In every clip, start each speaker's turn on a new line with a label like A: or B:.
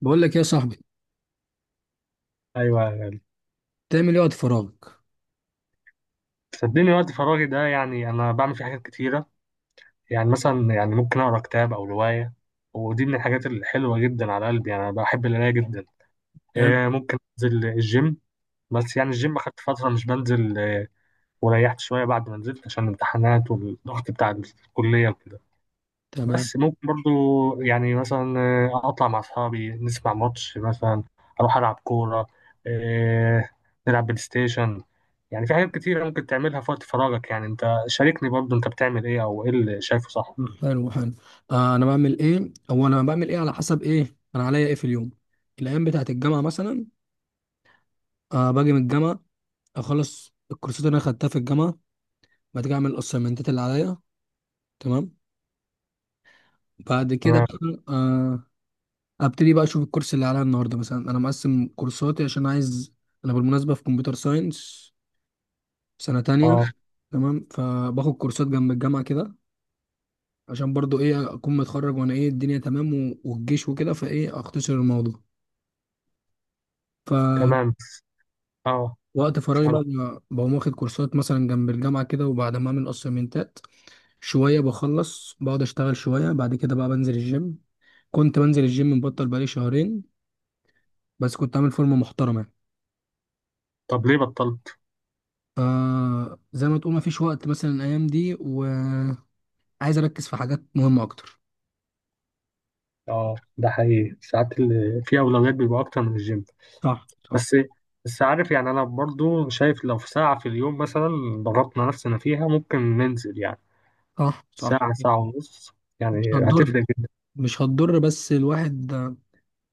A: بقول لك إيه يا صاحبي؟
B: ايوه أيوة.
A: تعمل ايه وقت فراغك؟
B: صدقني وقت فراغي ده يعني انا بعمل فيه حاجات كتيره. يعني مثلا يعني ممكن اقرا كتاب او روايه، ودي من الحاجات الحلوه جدا على قلبي. يعني انا بحب القرايه جدا.
A: حلو.
B: ممكن انزل الجيم، بس يعني الجيم اخدت فتره مش بنزل وريحت شويه بعد ما نزلت عشان الامتحانات والضغط بتاع الكليه وكده.
A: تمام.
B: بس ممكن برضو يعني مثلا اطلع مع اصحابي نسمع ماتش مثلا، اروح العب كوره، آه، نلعب بلاي ستيشن. يعني في حاجات كتيره ممكن تعملها في وقت فراغك. يعني انت شاركني برضو، انت بتعمل ايه او ايه اللي شايفه صح؟
A: حلو حلو. انا بعمل ايه، او انا بعمل ايه على حسب ايه انا عليا ايه في اليوم. الايام بتاعت الجامعه مثلا، باجي من الجامعه، اخلص الكورسات اللي انا خدتها في الجامعه، بعد كده اعمل الاسايمنتات اللي عليا. تمام. بعد كده
B: تمام.
A: بقى ابتدي بقى اشوف الكورس اللي عليا النهارده، مثلا انا مقسم كورساتي عشان عايز، انا بالمناسبه في كمبيوتر ساينس سنه تانية.
B: اه.
A: تمام، فباخد كورسات جنب الجامعه كده عشان برضو ايه اكون متخرج، وانا ايه الدنيا تمام والجيش وكده، فايه اختصر الموضوع. فوقت
B: تمام. اه.
A: فراغي
B: سامع.
A: بقى بقوم واخد كورسات مثلا جنب الجامعة كده، وبعد ما اعمل اسايمنتات شوية بخلص، بقعد اشتغل شوية، بعد كده بقى بنزل الجيم. كنت بنزل الجيم، مبطل بقالي شهرين، بس كنت عامل فورمة محترمة يعني.
B: طب ليه بطلت؟
A: فزي ما تقول ما فيش وقت مثلا الايام دي، وعايز اركز في حاجات مهمة اكتر.
B: اه ده حقيقي، ساعات اللي في اولويات بيبقى اكتر من الجيم.
A: صح صح.
B: بس عارف يعني انا برضو شايف لو في ساعه في اليوم مثلا ضغطنا نفسنا فيها ممكن ننزل، يعني
A: صح صح.
B: ساعة ساعة ونص،
A: مش
B: يعني
A: هتضر،
B: هتفرق جدا.
A: مش هتضر، بس الواحد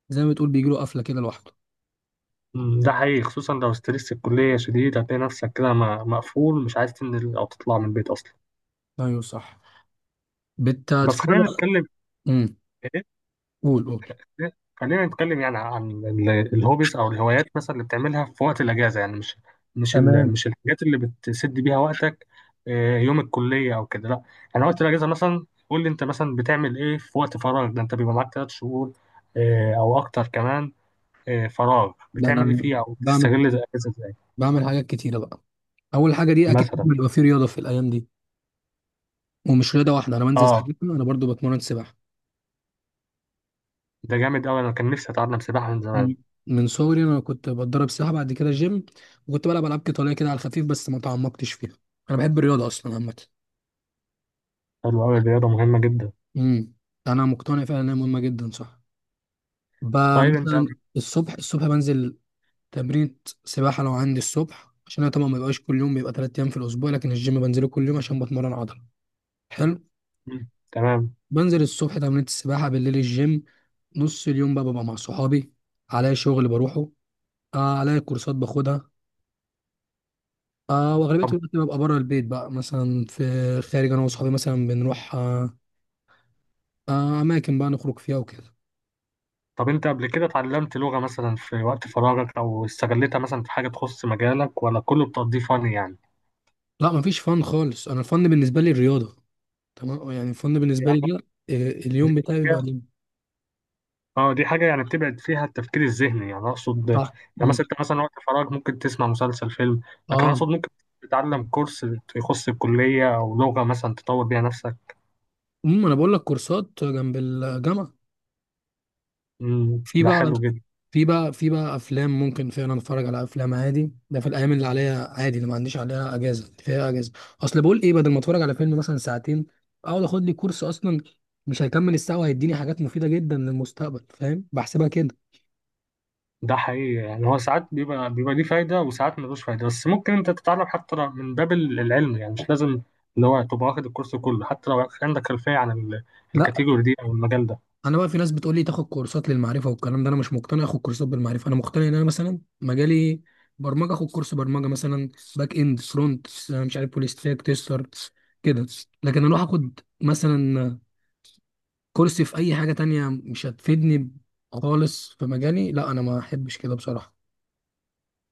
A: زي ما تقول بيجيله قفلة كده لوحده.
B: مم، ده حقيقي خصوصا لو ستريس الكلية شديد هتلاقي نفسك كده مقفول مش عايز تنزل أو تطلع من البيت أصلا.
A: ايوه صح.
B: بس
A: بتتفرج.
B: خلينا نتكلم.
A: امم
B: إيه،
A: قول قول.
B: خلينا نتكلم يعني عن الهوبيز أو الهوايات مثلا اللي بتعملها في وقت الأجازة، يعني مش
A: تمام.
B: مش الحاجات اللي بتسد بيها وقتك، يوم الكلية أو كده، لأ. يعني وقت الأجازة مثلا قول لي، أنت مثلا بتعمل إيه في وقت فراغك ده؟ أنت بيبقى معاك تلات شهور أو أكتر كمان، فراغ.
A: ده
B: بتعمل إيه
A: انا
B: فيه أو
A: بعمل،
B: بتستغل الأجازة إزاي؟
A: بعمل حاجات كتيره بقى. اول حاجه دي، اكيد
B: مثلا.
A: بيبقى في رياضه في الايام دي، ومش رياضه واحده، انا بنزل
B: اه
A: سباحه، انا برضو بتمرن سباحه.
B: ده جامد قوي، انا كان نفسي اتعلم سباحه من زمان.
A: مم. من صغري انا كنت بتدرب سباحه، بعد كده جيم، وكنت بلعب العاب قتاليه كده على الخفيف بس ما تعمقتش فيها. انا بحب الرياضه اصلا عامه.
B: حلو قوي، الرياضه مهمه جدا.
A: امم، انا مقتنع فعلا انها مهمه جدا، صح.
B: طيب انت
A: مثلا
B: قبل...
A: الصبح بنزل تمرين سباحة لو عندي الصبح، عشان أنا طبعا ما بيبقاش كل يوم، بيبقى تلات أيام في الأسبوع، لكن الجيم بنزله كل يوم عشان بتمرن عضلة. حلو.
B: مم، تمام.
A: بنزل الصبح تمرين السباحة، بالليل الجيم، نص اليوم بقى ببقى مع صحابي، عليا شغل بروحه، عليا كورسات باخدها، وأغلبية
B: طب
A: الوقت ببقى بره البيت بقى، مثلا في خارج أنا وصحابي مثلا بنروح، أماكن بقى نخرج فيها وكده.
B: انت قبل كده اتعلمت لغه مثلا في وقت فراغك او استغلتها مثلا في حاجه تخص مجالك، ولا كله بتقضيه فن يعني؟
A: لا، مفيش فن خالص، أنا الفن بالنسبة لي الرياضة. تمام، يعني الفن بالنسبة لي
B: يعني
A: كده،
B: دي
A: اليوم بتاعي بيبقى
B: حاجه،
A: ليه-.
B: اه دي حاجه يعني بتبعد فيها التفكير الذهني، يعني اقصد يعني
A: صح. مم.
B: مثلا انت مثلا وقت فراغ ممكن تسمع مسلسل فيلم، لكن
A: اه.
B: اقصد ممكن تتعلم كورس يخص الكليه او لغه مثلا تطور بيها نفسك.
A: انا بقول لك كورسات جنب الجامعه.
B: مم،
A: في
B: ده
A: بقى
B: حلو جدا.
A: في بقى افلام، ممكن فعلا اتفرج على افلام عادي، ده في الايام اللي عليها عادي، اللي ما عنديش عليها اجازه، اللي فيها اجازه. اصل بقول ايه، بدل ما اتفرج على فيلم مثلا ساعتين، اقعد اخد لي كورس اصلا، مش هيكمل الساعه وهيديني حاجات مفيده جدا للمستقبل، فاهم؟ بحسبها كده.
B: ده حقيقي، يعني هو ساعات بيبقى ليه فايدة وساعات ملوش فايدة. بس ممكن انت تتعلم حتى لو من باب العلم، يعني مش لازم اللي هو تبقى واخد الكورس كله حتى لو عندك خلفية عن
A: لا،
B: الكاتيجوري دي او المجال ده.
A: انا بقى في ناس بتقول لي تاخد كورسات للمعرفه والكلام ده، انا مش مقتنع اخد كورسات بالمعرفه، انا مقتنع ان انا مثلا مجالي برمجه، اخد كورس برمجه مثلا، باك اند، فرونت، مش عارف، فول ستاك، تيستر كده، لكن اروح اخد مثلا كورس في اي حاجه تانية مش هتفيدني خالص في مجالي، لا انا ما احبش كده بصراحه.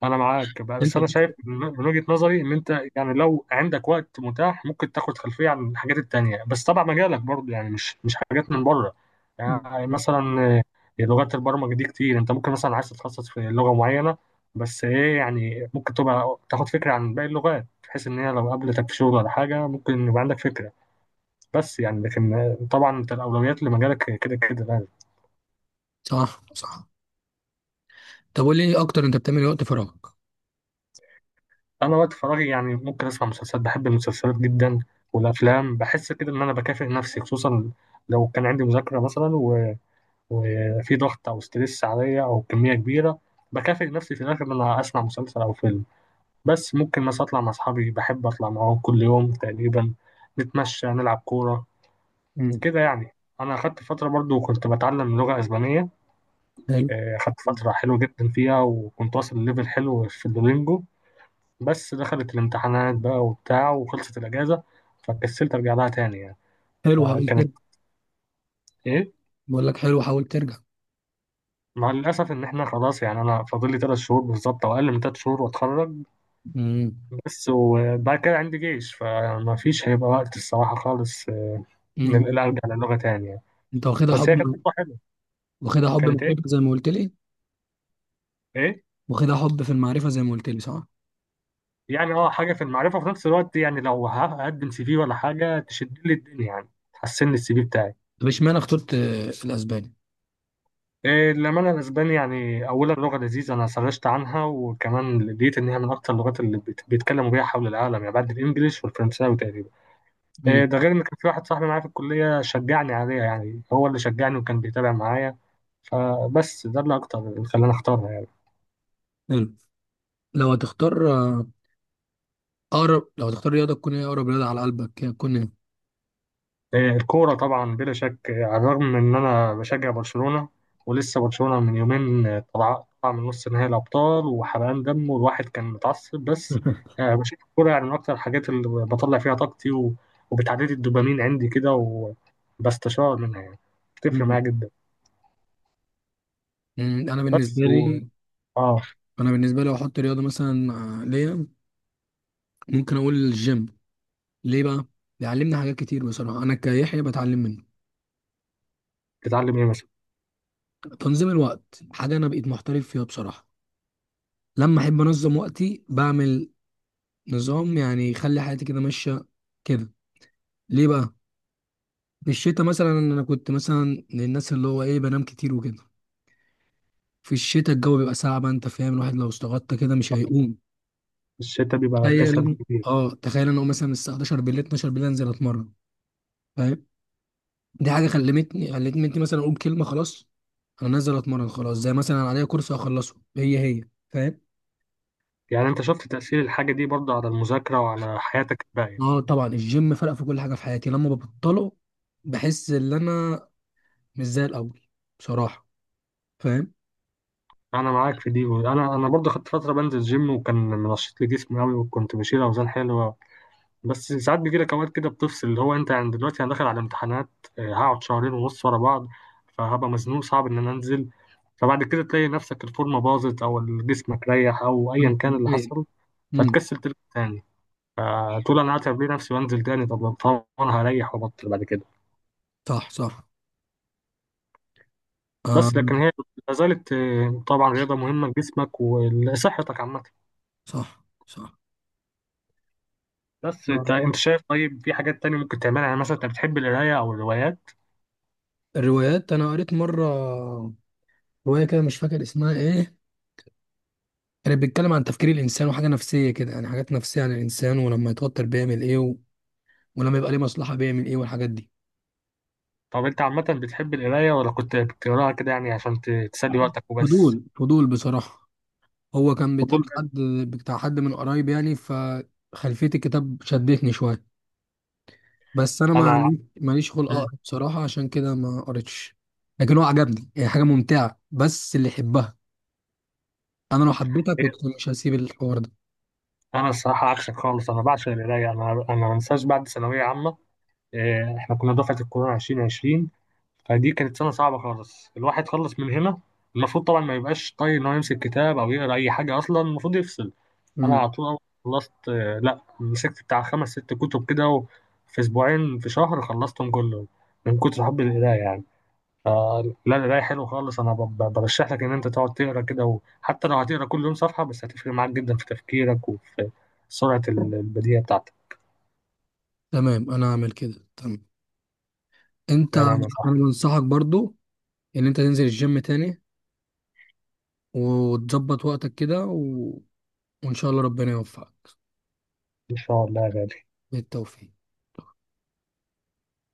B: انا معاك بقى،
A: انت.
B: بس انا شايف من وجهة نظري ان انت يعني لو عندك وقت متاح ممكن تاخد خلفية عن الحاجات التانية، بس طبعا مجالك برضه، يعني مش حاجات من بره. يعني مثلا لغات البرمجة دي كتير، انت ممكن مثلا عايز تتخصص في لغة معينة، بس ايه يعني ممكن تبقى تاخد فكرة عن باقي اللغات بحيث ان هي لو قابلتك في شغل ولا حاجة ممكن يبقى عندك فكرة. بس يعني لكن طبعا انت الاولويات لمجالك كده كده يعني.
A: صح صح. طب قول لي إيه اكتر، انت بتعمل إيه وقت فراغك؟
B: انا وقت فراغي يعني ممكن اسمع مسلسلات، بحب المسلسلات جدا والافلام، بحس كده ان انا بكافئ نفسي، خصوصا لو كان عندي مذاكره مثلا و... وفي ضغط او ستريس عليا او كميه كبيره، بكافئ نفسي في الاخر ان انا اسمع مسلسل او فيلم. بس ممكن مثلا اطلع مع اصحابي، بحب اطلع معاهم كل يوم تقريبا، نتمشى نلعب كوره
A: امم.
B: كده يعني. انا اخدت فتره برضو كنت بتعلم لغه اسبانيه،
A: حلو.
B: اخدت فتره حلوه جدا فيها وكنت واصل لليفل حلو في الدولينجو، بس دخلت الامتحانات بقى وبتاع وخلصت الأجازة، فكسلت أرجع لها تاني يعني.
A: حلو حاول ترجع،
B: فكانت إيه.
A: بقول لك حلو حاول ترجع.
B: مع الأسف إن إحنا خلاص يعني أنا فاضل لي تلات شهور بالظبط أو أقل من تلات شهور وأتخرج.
A: امم.
B: بس وبعد كده عندي جيش، فمفيش هيبقى وقت الصراحة خالص إن
A: امم.
B: أنا أرجع للغة تاني يعني.
A: انت واخدها
B: بس
A: حب،
B: هي كانت تجربة حلوة.
A: واخدها حب من
B: كانت
A: الربح
B: إيه.
A: زي ما قلت لي،
B: إيه،
A: واخدها حب في المعرفة زي ما قلت لي، صح؟
B: يعني أه حاجة في المعرفة وفي نفس الوقت يعني لو هقدم سي في ولا حاجة تشد لي الدنيا، يعني تحسن لي السي في بتاعي.
A: طب اشمعنى اخترت الاسباني؟
B: إيه، للأمانة الأسباني يعني أولا لغة لذيذة، أنا سرشت عنها وكمان لقيت إن هي من أكتر اللغات اللي بيتكلموا بيها حول العالم، يعني بعد الإنجليش والفرنساوي تقريبا. إيه،
A: امم.
B: ده غير إن كان في واحد صاحبي معايا في الكلية شجعني عليها، يعني هو اللي شجعني وكان بيتابع معايا، فبس ده اللي أكتر اللي خلاني أختارها.
A: حلو. لو هتختار اقرب، لو هتختار رياضة تكون ايه، اقرب رياضة على قلبك هتكون ايه؟
B: الكورة طبعا بلا شك، على الرغم من إن أنا بشجع برشلونة ولسه برشلونة من يومين طلع من نص نهائي الأبطال، وحرقان دم والواحد كان متعصب. بس بشوف الكورة يعني من أكتر الحاجات اللي بطلع فيها طاقتي وبتعدي لي الدوبامين عندي كده، وبستشار منها يعني، بتفرق
A: مم.
B: معايا جدا.
A: مم، انا بالنسبة
B: بس و
A: لي،
B: آه
A: انا بالنسبة لي لو احط رياضة مثلا ليا، ممكن اقول الجيم. ليه بقى؟ بيعلمني حاجات كتير بصراحة، انا كيحيى بتعلم منه
B: بتتعلم إيه مثلا؟
A: تنظيم الوقت، حاجة انا بقيت محترف فيها بصراحة، لما احب انظم وقتي بعمل نظام يعني يخلي حياتي كده ماشية كده. ليه بقى؟ في الشتاء مثلا انا كنت مثلا من الناس اللي هو ايه بنام كتير وكده، في الشتاء الجو بيبقى ساقع بقى، انت فاهم، الواحد لو استغطى كده مش هيقوم.
B: الشتا بيبقى
A: تخيل
B: كسل
A: إن-
B: كبير.
A: اه تخيل انا اقوم مثلا الساعه 11 بالليل، 12 بالليل انزل اتمرن، فاهم؟ دي حاجه خلتني مثلا اقول كلمه خلاص انا نازل اتمرن، خلاص زي مثلا عليا كورس اخلصه، هي هي، فاهم؟
B: يعني أنت شفت تأثير الحاجة دي برضه على المذاكرة وعلى حياتك الباقية؟
A: اه طبعا الجيم فرق في كل حاجه في حياتي، لما ببطله بحس ان انا مش زي الاول بصراحه، فاهم؟
B: انا معاك في دي. انا برضه خدت فتره بنزل جيم وكان منشط لي جسمي قوي وكنت بشيل اوزان حلوه، بس ساعات بيجي لك اوقات كده بتفصل، اللي هو انت يعني دلوقتي انا داخل على امتحانات، هقعد شهرين ونص ورا بعض، فهبقى مزنوق صعب ان انا انزل. فبعد كده تلاقي نفسك الفورمه باظت او جسمك ريح او
A: مم.
B: ايا كان اللي
A: إيه.
B: حصل،
A: مم.
B: فتكسل ترجع تاني، فتقول انا هتعب ليه نفسي وانزل تاني، طب طبعا هريح وابطل بعد كده.
A: صح صح. آه.
B: بس لكن هي لا زالت طبعا رياضه مهمه لجسمك ولصحتك عامه.
A: صح صح.
B: بس انت
A: آه.
B: انت شايف طيب في حاجات تانية ممكن تعملها، يعني مثلا انت بتحب القراية او الروايات؟
A: الروايات، انا قريت مره روايه كده مش فاكر اسمها ايه، كانت بتتكلم عن تفكير الانسان وحاجه نفسيه كده، يعني حاجات نفسيه عن الانسان، ولما يتوتر بيعمل ايه، و... ولما يبقى ليه مصلحه بيعمل ايه، والحاجات دي.
B: طب انت عامة بتحب القراية ولا كنت بتقراها كده يعني عشان تسلي وقتك وبس؟
A: فضول، فضول بصراحه. هو كان بتاع
B: فضول
A: حد،
B: بس.
A: بتاع حد من قرايب يعني، فخلفيه الكتاب شدتني شويه، بس انا
B: انا
A: ما ماليش خلق
B: مم.
A: اقرا بصراحه، عشان كده ما قريتش، لكن هو عجبني، هي حاجه ممتعه بس اللي يحبها، انا لو حبيتك كنت
B: ايه،
A: مش هسيب الحوار
B: انا الصراحة عكسك خالص، انا بعشق القراية. انا ما انساش بعد ثانوية عامة، اه، احنا كنا دفعة الكورونا 2020، فدي كانت سنة صعبة خالص. الواحد خلص من هنا المفروض طبعا ما يبقاش طايق ان هو يمسك كتاب او يقرا اي حاجة اصلا، المفروض يفصل. انا
A: ده.
B: على طول أول ما خلصت لا مسكت بتاع خمس ست كتب كده في اسبوعين في شهر خلصتهم كلهم، من كتر حب القرايه يعني. لا القرايه حلو خالص، انا برشح لك ان انت تقعد تقرا كده، وحتى لو هتقرا كل يوم صفحه بس هتفرق معاك جدا في تفكيرك وفي سرعه البديهه بتاعتك.
A: تمام، انا هعمل كده. تمام. انت،
B: تمام يا
A: انا
B: صاحبي.
A: بنصحك برضو ان انت تنزل الجيم تاني، وتظبط وقتك كده، و... وان شاء الله ربنا يوفقك.
B: ان شاء الله يا غالي.
A: بالتوفيق.